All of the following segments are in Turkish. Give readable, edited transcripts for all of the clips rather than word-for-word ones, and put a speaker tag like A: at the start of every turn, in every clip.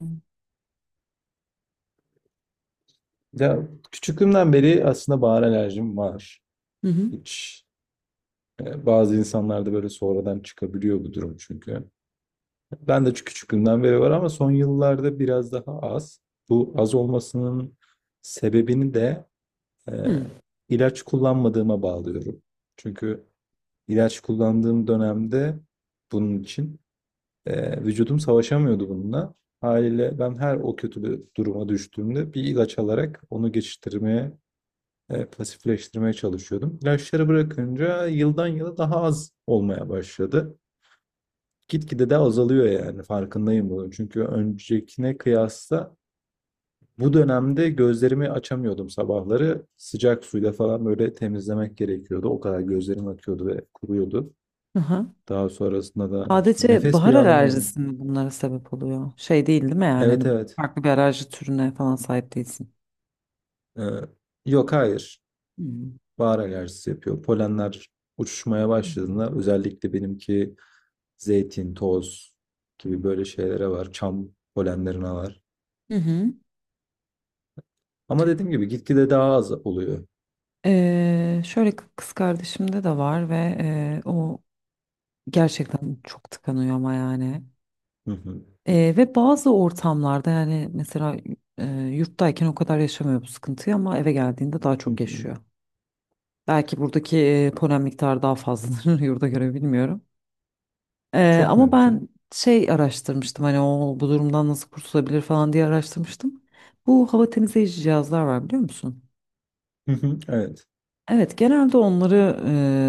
A: Hı
B: Ya küçüklüğümden beri aslında bahar alerjim var.
A: hı.
B: Hiç bazı insanlarda böyle sonradan çıkabiliyor bu durum çünkü. Ben de küçüklüğümden beri var ama son yıllarda biraz daha az. Bu az olmasının sebebini de e,
A: Hı.
B: ilaç kullanmadığıma bağlıyorum. Çünkü ilaç kullandığım dönemde bunun için vücudum savaşamıyordu bununla. Haliyle ben her o kötü bir duruma düştüğümde bir ilaç alarak onu geçiştirmeye pasifleştirmeye çalışıyordum. İlaçları bırakınca yıldan yıla daha az olmaya başladı. Gitgide de azalıyor yani farkındayım bunun. Çünkü öncekine kıyasla bu dönemde gözlerimi açamıyordum sabahları. Sıcak suyla falan böyle temizlemek gerekiyordu. O kadar gözlerim akıyordu ve kuruyordu.
A: Aha.
B: Daha sonrasında da işte
A: Sadece
B: nefes
A: bahar
B: bile alamıyordum.
A: alerjisi mi bunlara sebep oluyor? Şey değil değil mi yani? Hani
B: Evet, evet.
A: farklı bir alerji türüne falan sahip değilsin.
B: Ee, Yok, hayır.
A: Hı
B: Bahar alerjisi yapıyor. Polenler uçuşmaya
A: hı.
B: başladığında özellikle benimki zeytin, toz gibi böyle şeylere var. Çam polenlerine var.
A: Hı hı.
B: Ama dediğim gibi gitgide daha az oluyor.
A: Şöyle kız kardeşimde de var ve o gerçekten çok tıkanıyor ama yani.
B: Hı hı.
A: Ve bazı ortamlarda yani mesela yurttayken o kadar yaşamıyor bu sıkıntıyı ama eve geldiğinde daha
B: Hı
A: çok yaşıyor.
B: hı.
A: Belki buradaki polen miktarı daha fazladır yurda göre bilmiyorum.
B: Çok
A: Ama ben
B: mümkün.
A: araştırmıştım hani o bu durumdan nasıl kurtulabilir falan diye araştırmıştım. Bu hava temizleyici cihazlar var biliyor musun?
B: Hı hı. Evet.
A: Evet, genelde onları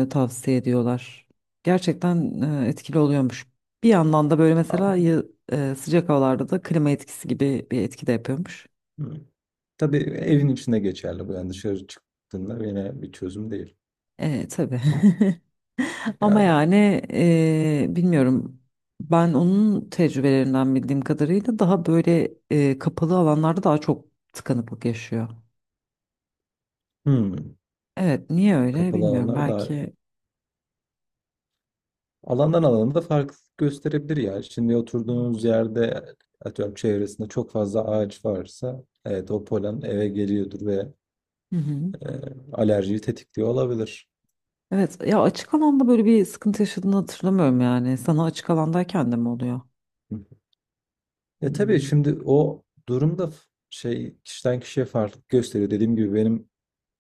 A: tavsiye ediyorlar. Gerçekten etkili oluyormuş. Bir yandan da böyle mesela
B: Ama-
A: sıcak havalarda da klima etkisi gibi bir etki de yapıyormuş.
B: Hı. Tabii evin içinde geçerli bu. Yani dışarı çıktığında yine bir çözüm değil.
A: Evet, tabii. Ama
B: Yani
A: yani bilmiyorum. Ben onun tecrübelerinden bildiğim kadarıyla daha böyle kapalı alanlarda daha çok tıkanıklık yaşıyor.
B: hı.
A: Evet, niye öyle
B: Kapalı
A: bilmiyorum.
B: alanlar daha
A: Belki.
B: alandan alana da fark gösterebilir ya. Şimdi oturduğunuz yerde atıyorum çevresinde çok fazla ağaç varsa evet o polen eve geliyordur ve
A: Hı hı.
B: e, alerjiyi tetikliyor olabilir.
A: Evet, ya açık alanda böyle bir sıkıntı yaşadığını hatırlamıyorum yani. Sana açık alandayken de mi oluyor?
B: E tabii
A: Hmm.
B: şimdi o durumda şey kişiden kişiye farklılık gösteriyor. Dediğim gibi benim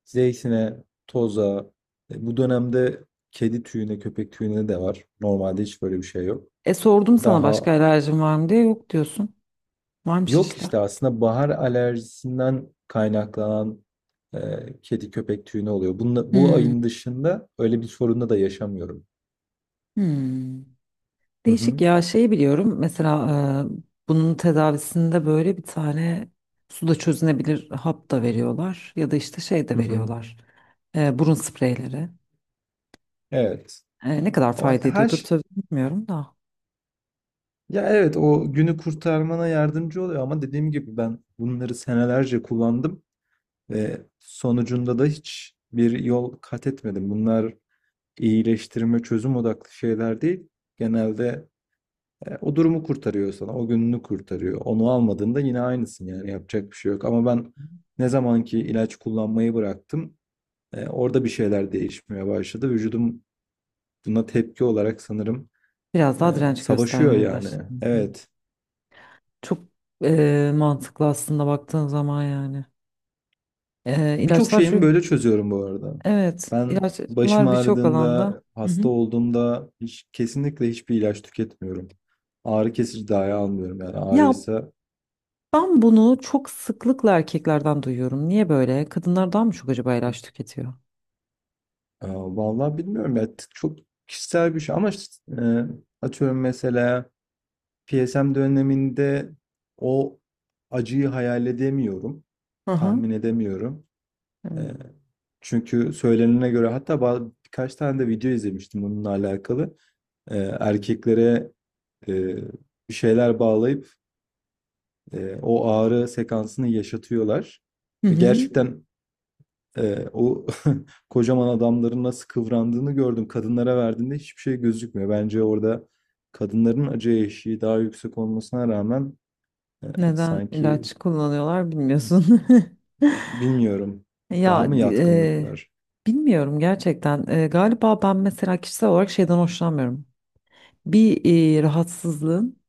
B: zeytine, toza, bu dönemde kedi tüyüne, köpek tüyüne de var. Normalde hiç böyle bir şey yok.
A: E, sordum sana başka
B: Daha
A: alerjin var mı diye yok diyorsun. Varmış
B: yok
A: işte.
B: işte aslında bahar alerjisinden kaynaklanan e, kedi köpek tüyüne oluyor. Bununla, bu
A: Hmm.
B: ayın dışında öyle bir sorunla da yaşamıyorum.
A: Hmm.
B: Hı
A: Değişik
B: hı.
A: ya, şeyi biliyorum mesela bunun tedavisinde böyle bir tane suda çözünebilir hap da veriyorlar ya da işte şey de
B: Hı hı.
A: veriyorlar. Burun spreyleri.
B: Evet.
A: Ne kadar
B: Ama
A: fayda
B: her
A: ediyordur
B: şey
A: tabii bilmiyorum da
B: ya evet, o günü kurtarmana yardımcı oluyor ama dediğim gibi ben bunları senelerce kullandım ve sonucunda da hiç bir yol kat etmedim. Bunlar iyileştirme, çözüm odaklı şeyler değil. Genelde o durumu kurtarıyor sana, o gününü kurtarıyor. Onu almadığında yine aynısın yani yapacak bir şey yok. Ama ben ne zamanki ilaç kullanmayı bıraktım, orada bir şeyler değişmeye başladı. Vücudum buna tepki olarak sanırım
A: biraz
B: e,
A: daha direnç
B: savaşıyor
A: göstermeye
B: yani.
A: başladım. Hı.
B: Evet.
A: Çok mantıklı aslında baktığın zaman yani. E,
B: Birçok
A: ilaçlar
B: şeyimi
A: şu
B: böyle çözüyorum bu arada.
A: Evet,
B: Ben başım
A: ilaçlar birçok alanda.
B: ağrıdığında,
A: Hı hı.
B: hasta olduğumda hiç, kesinlikle hiçbir ilaç tüketmiyorum. Ağrı kesici dahi almıyorum yani
A: Ya,
B: ağrıysa.
A: ben bunu çok sıklıkla erkeklerden duyuyorum. Niye böyle? Kadınlar daha mı çok acaba ilaç tüketiyor?
B: Vallahi bilmiyorum ya, çok kişisel bir şey ama işte, e, atıyorum mesela PSM döneminde o acıyı hayal edemiyorum,
A: Hı hı.
B: tahmin edemiyorum. E,
A: Evet.
B: Çünkü söylenene göre hatta birkaç tane de video izlemiştim bununla alakalı. E, erkeklere e, bir şeyler bağlayıp o ağrı sekansını yaşatıyorlar.
A: Hı
B: Ve
A: hı.
B: gerçekten o kocaman adamların nasıl kıvrandığını gördüm. Kadınlara verdiğinde hiçbir şey gözükmüyor. Bence orada kadınların acı eşiği daha yüksek olmasına rağmen e,
A: Neden
B: sanki
A: ilaç kullanıyorlar bilmiyorsun.
B: bilmiyorum,
A: Ya
B: daha mı yatkınlık var?
A: bilmiyorum gerçekten. E, galiba ben mesela kişisel olarak şeyden hoşlanmıyorum. Bir rahatsızlığın.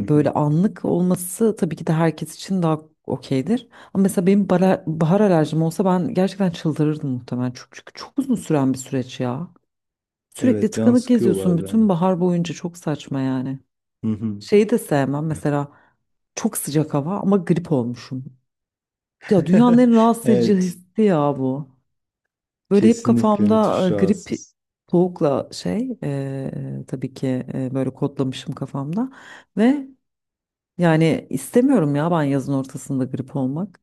B: Hı hı.
A: böyle anlık olması tabii ki de herkes için daha okeydir. Ama mesela benim bahar alerjim olsa ben gerçekten çıldırırdım muhtemelen. Çünkü çok uzun süren bir süreç ya. Sürekli
B: Evet, can
A: tıkanık
B: sıkıyor
A: geziyorsun bütün
B: bazen.
A: bahar boyunca, çok saçma yani.
B: Hı hı.
A: Şeyi de sevmem mesela, çok sıcak hava ama grip olmuşum. Ya dünyanın en rahatsız edici
B: Evet,
A: hissi ya bu. Böyle hep
B: kesinlikle
A: kafamda
B: müthiş
A: grip
B: rahatsız.
A: soğukla tabii ki böyle kodlamışım kafamda. Ve yani istemiyorum ya ben yazın ortasında grip olmak.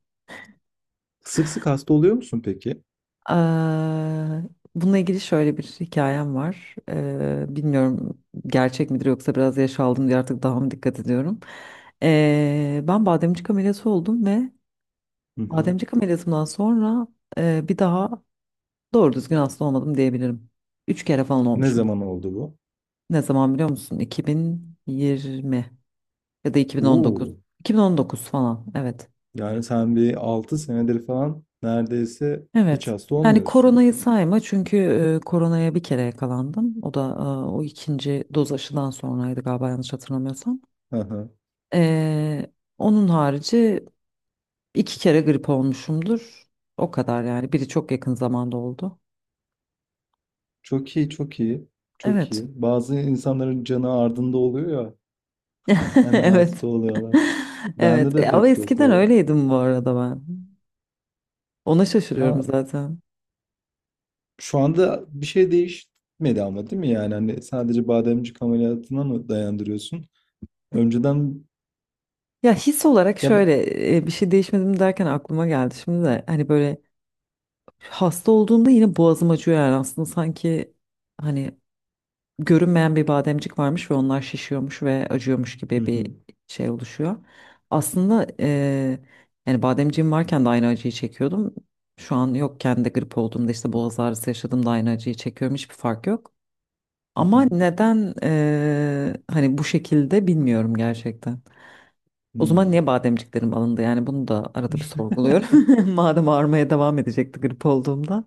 B: Sık sık hasta oluyor musun peki?
A: Eee, Bununla ilgili şöyle bir hikayem var. Bilmiyorum gerçek midir yoksa biraz yaş aldım diye artık daha mı dikkat ediyorum. Ben bademcik ameliyatı oldum ve
B: Hı hı.
A: bademcik ameliyatımdan sonra bir daha doğru düzgün hasta olmadım diyebilirim. 3 kere falan
B: Ne
A: olmuşumdur.
B: zaman oldu bu?
A: Ne zaman biliyor musun? 2020 ya da 2019.
B: Oo,
A: 2019 falan, evet.
B: yani sen bir 6 senedir falan neredeyse hiç
A: Evet.
B: hasta
A: Yani
B: olmuyorsun.
A: koronayı sayma çünkü koronaya bir kere yakalandım. O da e, o 2. doz aşıdan sonraydı galiba, yanlış hatırlamıyorsam.
B: Hı hı.
A: E, Onun harici 2 kere grip olmuşumdur. O kadar yani. Biri çok yakın zamanda oldu.
B: Çok iyi, çok iyi, çok
A: Evet.
B: iyi. Bazı insanların canı ardında oluyor ya, hemen
A: Evet.
B: hasta oluyorlar. Bende
A: Evet.
B: de
A: E, ama
B: pek yok
A: eskiden
B: o.
A: öyleydim bu arada ben. Ona şaşırıyorum
B: Ya
A: zaten.
B: şu anda bir şey değişmedi ama değil mi yani? Hani sadece bademcik ameliyatına mı dayandırıyorsun? Önceden
A: Ya his olarak
B: ya
A: şöyle
B: ben-
A: bir şey değişmedim derken aklıma geldi şimdi de hani böyle hasta olduğumda yine boğazım acıyor yani, aslında sanki hani görünmeyen bir bademcik varmış ve onlar şişiyormuş ve acıyormuş
B: hı
A: gibi
B: hı,
A: bir şey oluşuyor. Aslında yani bademciğim varken de aynı acıyı çekiyordum. Şu an yokken de grip olduğumda işte boğaz ağrısı yaşadığımda aynı acıyı çekiyorum, hiçbir fark yok.
B: hı
A: Ama
B: hı,
A: neden hani bu şekilde bilmiyorum gerçekten. O zaman
B: hı.
A: niye bademciklerim alındı yani, bunu da arada bir sorguluyorum. Madem ağrımaya devam edecekti grip olduğumda.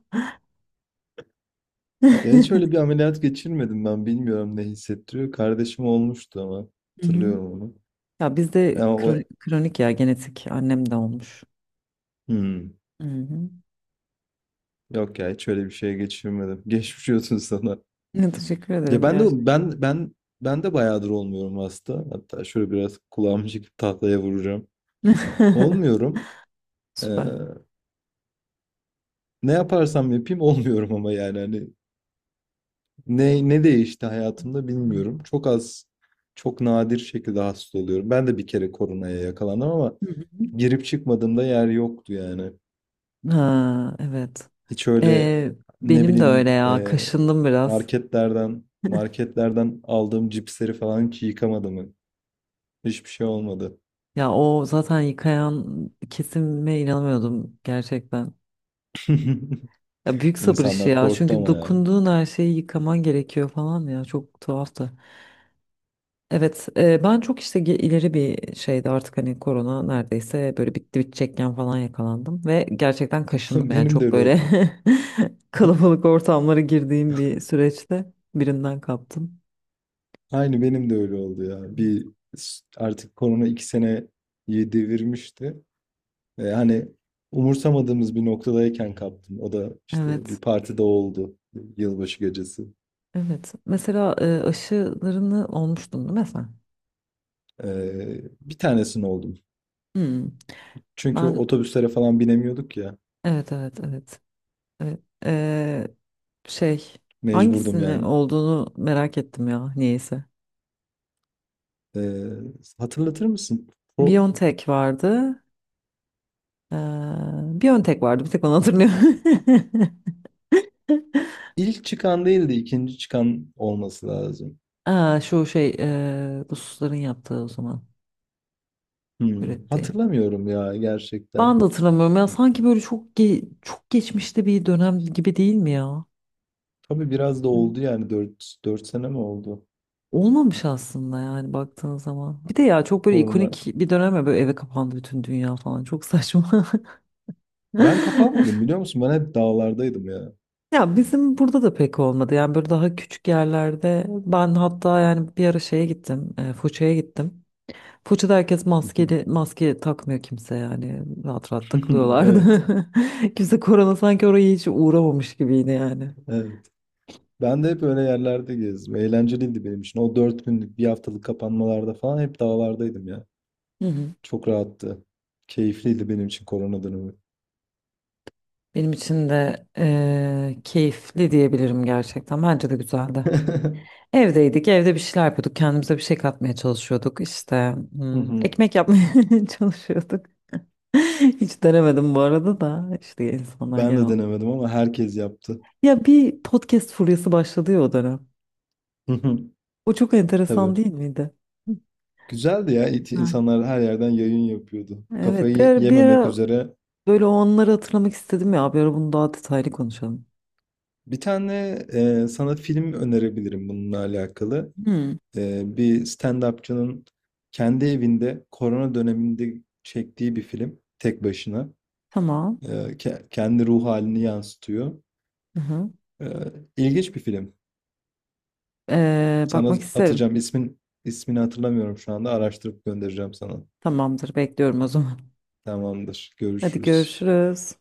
B: Ya hiç öyle bir ameliyat geçirmedim ben. Bilmiyorum ne hissettiriyor. Kardeşim olmuştu ama.
A: Hı hı.
B: Hatırlıyorum onu.
A: Ya bizde
B: Ama o...
A: kronik ya, genetik, annem de olmuş.
B: Hmm.
A: Hı hı.
B: Yok ya, hiç öyle bir şey geçirmedim. Geçmiş olsun sana.
A: Ne, teşekkür
B: Ya
A: ederim
B: ben de
A: gerçekten.
B: ben de bayağıdır olmuyorum hasta. Hatta şöyle biraz kulağımı çekip tahtaya vuracağım. Olmuyorum. Ee,
A: Süper.
B: Ne yaparsam yapayım olmuyorum ama yani hani ne değişti hayatımda
A: Hı
B: bilmiyorum. Çok az, çok nadir şekilde hasta oluyorum. Ben de bir kere koronaya yakalandım ama
A: hı.
B: girip çıkmadığımda yer yoktu yani.
A: Ha, evet.
B: Hiç öyle,
A: Ee,
B: ne
A: benim de öyle
B: bileyim,
A: ya. Kaşındım biraz.
B: marketlerden aldığım cipsleri falan hiç yıkamadım. Hiçbir şey olmadı.
A: Ya o zaten yıkayan kesime inanamıyordum gerçekten. Ya büyük sabır işi
B: İnsanlar
A: ya.
B: korktu
A: Çünkü
B: ama ya.
A: dokunduğun her şeyi yıkaman gerekiyor falan ya. Çok tuhaftı. Evet, ben çok işte ileri bir şeydi artık, hani korona neredeyse böyle bitti bitecekken falan yakalandım ve gerçekten kaşındım yani,
B: Benim de
A: çok
B: öyle
A: böyle
B: oldu.
A: kalabalık ortamlara girdiğim bir süreçte birinden kaptım.
B: Aynı benim de öyle oldu ya. Bir artık korona iki seneyi devirmişti. Hani umursamadığımız bir noktadayken kaptım. O da işte bir
A: Evet,
B: partide oldu. Yılbaşı gecesi.
A: evet. Mesela aşılarını olmuştun değil mi sen?
B: Bir tanesini oldum.
A: Hmm.
B: Çünkü
A: Ben,
B: otobüslere falan binemiyorduk ya.
A: evet, evet, evet. Evet. E, şey
B: Mecburdum
A: Hangisini
B: yani.
A: olduğunu merak ettim ya niyeyse.
B: Ee, hatırlatır mısın? O
A: BioNTech vardı. Ee, Bir ön tek vardı. Bir tek onu hatırlıyorum.
B: ilk çıkan değildi, ikinci çıkan olması lazım.
A: Aa, şu şey, Rusların yaptığı o zaman
B: Hmm,
A: ürettiği.
B: hatırlamıyorum ya
A: Ben
B: gerçekten.
A: de hatırlamıyorum ya, sanki böyle çok geçmişte bir dönem gibi, değil mi ya?
B: Tabii biraz da oldu yani 4 sene mi oldu?
A: Olmamış aslında yani baktığın zaman. Bir de ya çok böyle
B: Korona.
A: ikonik bir dönem ya, böyle eve kapandı bütün dünya falan, çok saçma.
B: Ben kapanmadım biliyor musun? Ben hep dağlardaydım ya.
A: Ya bizim burada da pek olmadı yani, böyle daha küçük yerlerde ben, hatta yani bir ara şeye gittim, Foça'ya gittim. Foça'da herkes maskeli, maske takmıyor kimse yani, rahat rahat takılıyorlardı.
B: Evet,
A: Kimse, korona sanki oraya hiç uğramamış gibiydi yani.
B: evet. Ben de hep öyle yerlerde gezdim. Eğlenceliydi benim için. O dört günlük, bir haftalık kapanmalarda falan hep dağlardaydım ya.
A: Hı hı.
B: Çok rahattı. Keyifliydi benim için korona dönemi.
A: Benim için de keyifli diyebilirim gerçekten. Bence de güzeldi. Evdeydik, evde bir şeyler yapıyorduk. Kendimize bir şey katmaya çalışıyorduk. İşte
B: Hı
A: hmm,
B: hı.
A: ekmek yapmaya çalışıyorduk. Hiç denemedim bu arada, da işte insanlar
B: Ben
A: genel
B: de
A: olarak.
B: denemedim ama herkes yaptı.
A: Ya bir podcast furyası başladı ya o dönem.
B: Hı hı.
A: O çok
B: Tabii.
A: enteresan değil miydi? Hı.
B: Güzeldi ya.
A: Güzel.
B: İnsanlar her yerden yayın yapıyordu.
A: Evet,
B: Kafayı
A: bir
B: yememek
A: ara
B: üzere.
A: böyle o anları hatırlamak istedim ya. Bir ara bunu daha detaylı konuşalım.
B: Bir tane sana film önerebilirim bununla alakalı.
A: Hmm,
B: E, bir stand-upçının kendi evinde korona döneminde çektiği bir film. Tek başına.
A: tamam.
B: Kendi ruh halini yansıtıyor.
A: Hı hı.
B: İlginç bir film. Sana
A: Bakmak isterim.
B: atacağım ismini hatırlamıyorum şu anda. Araştırıp göndereceğim sana.
A: Tamamdır, bekliyorum o zaman.
B: Tamamdır.
A: Hadi
B: Görüşürüz.
A: görüşürüz.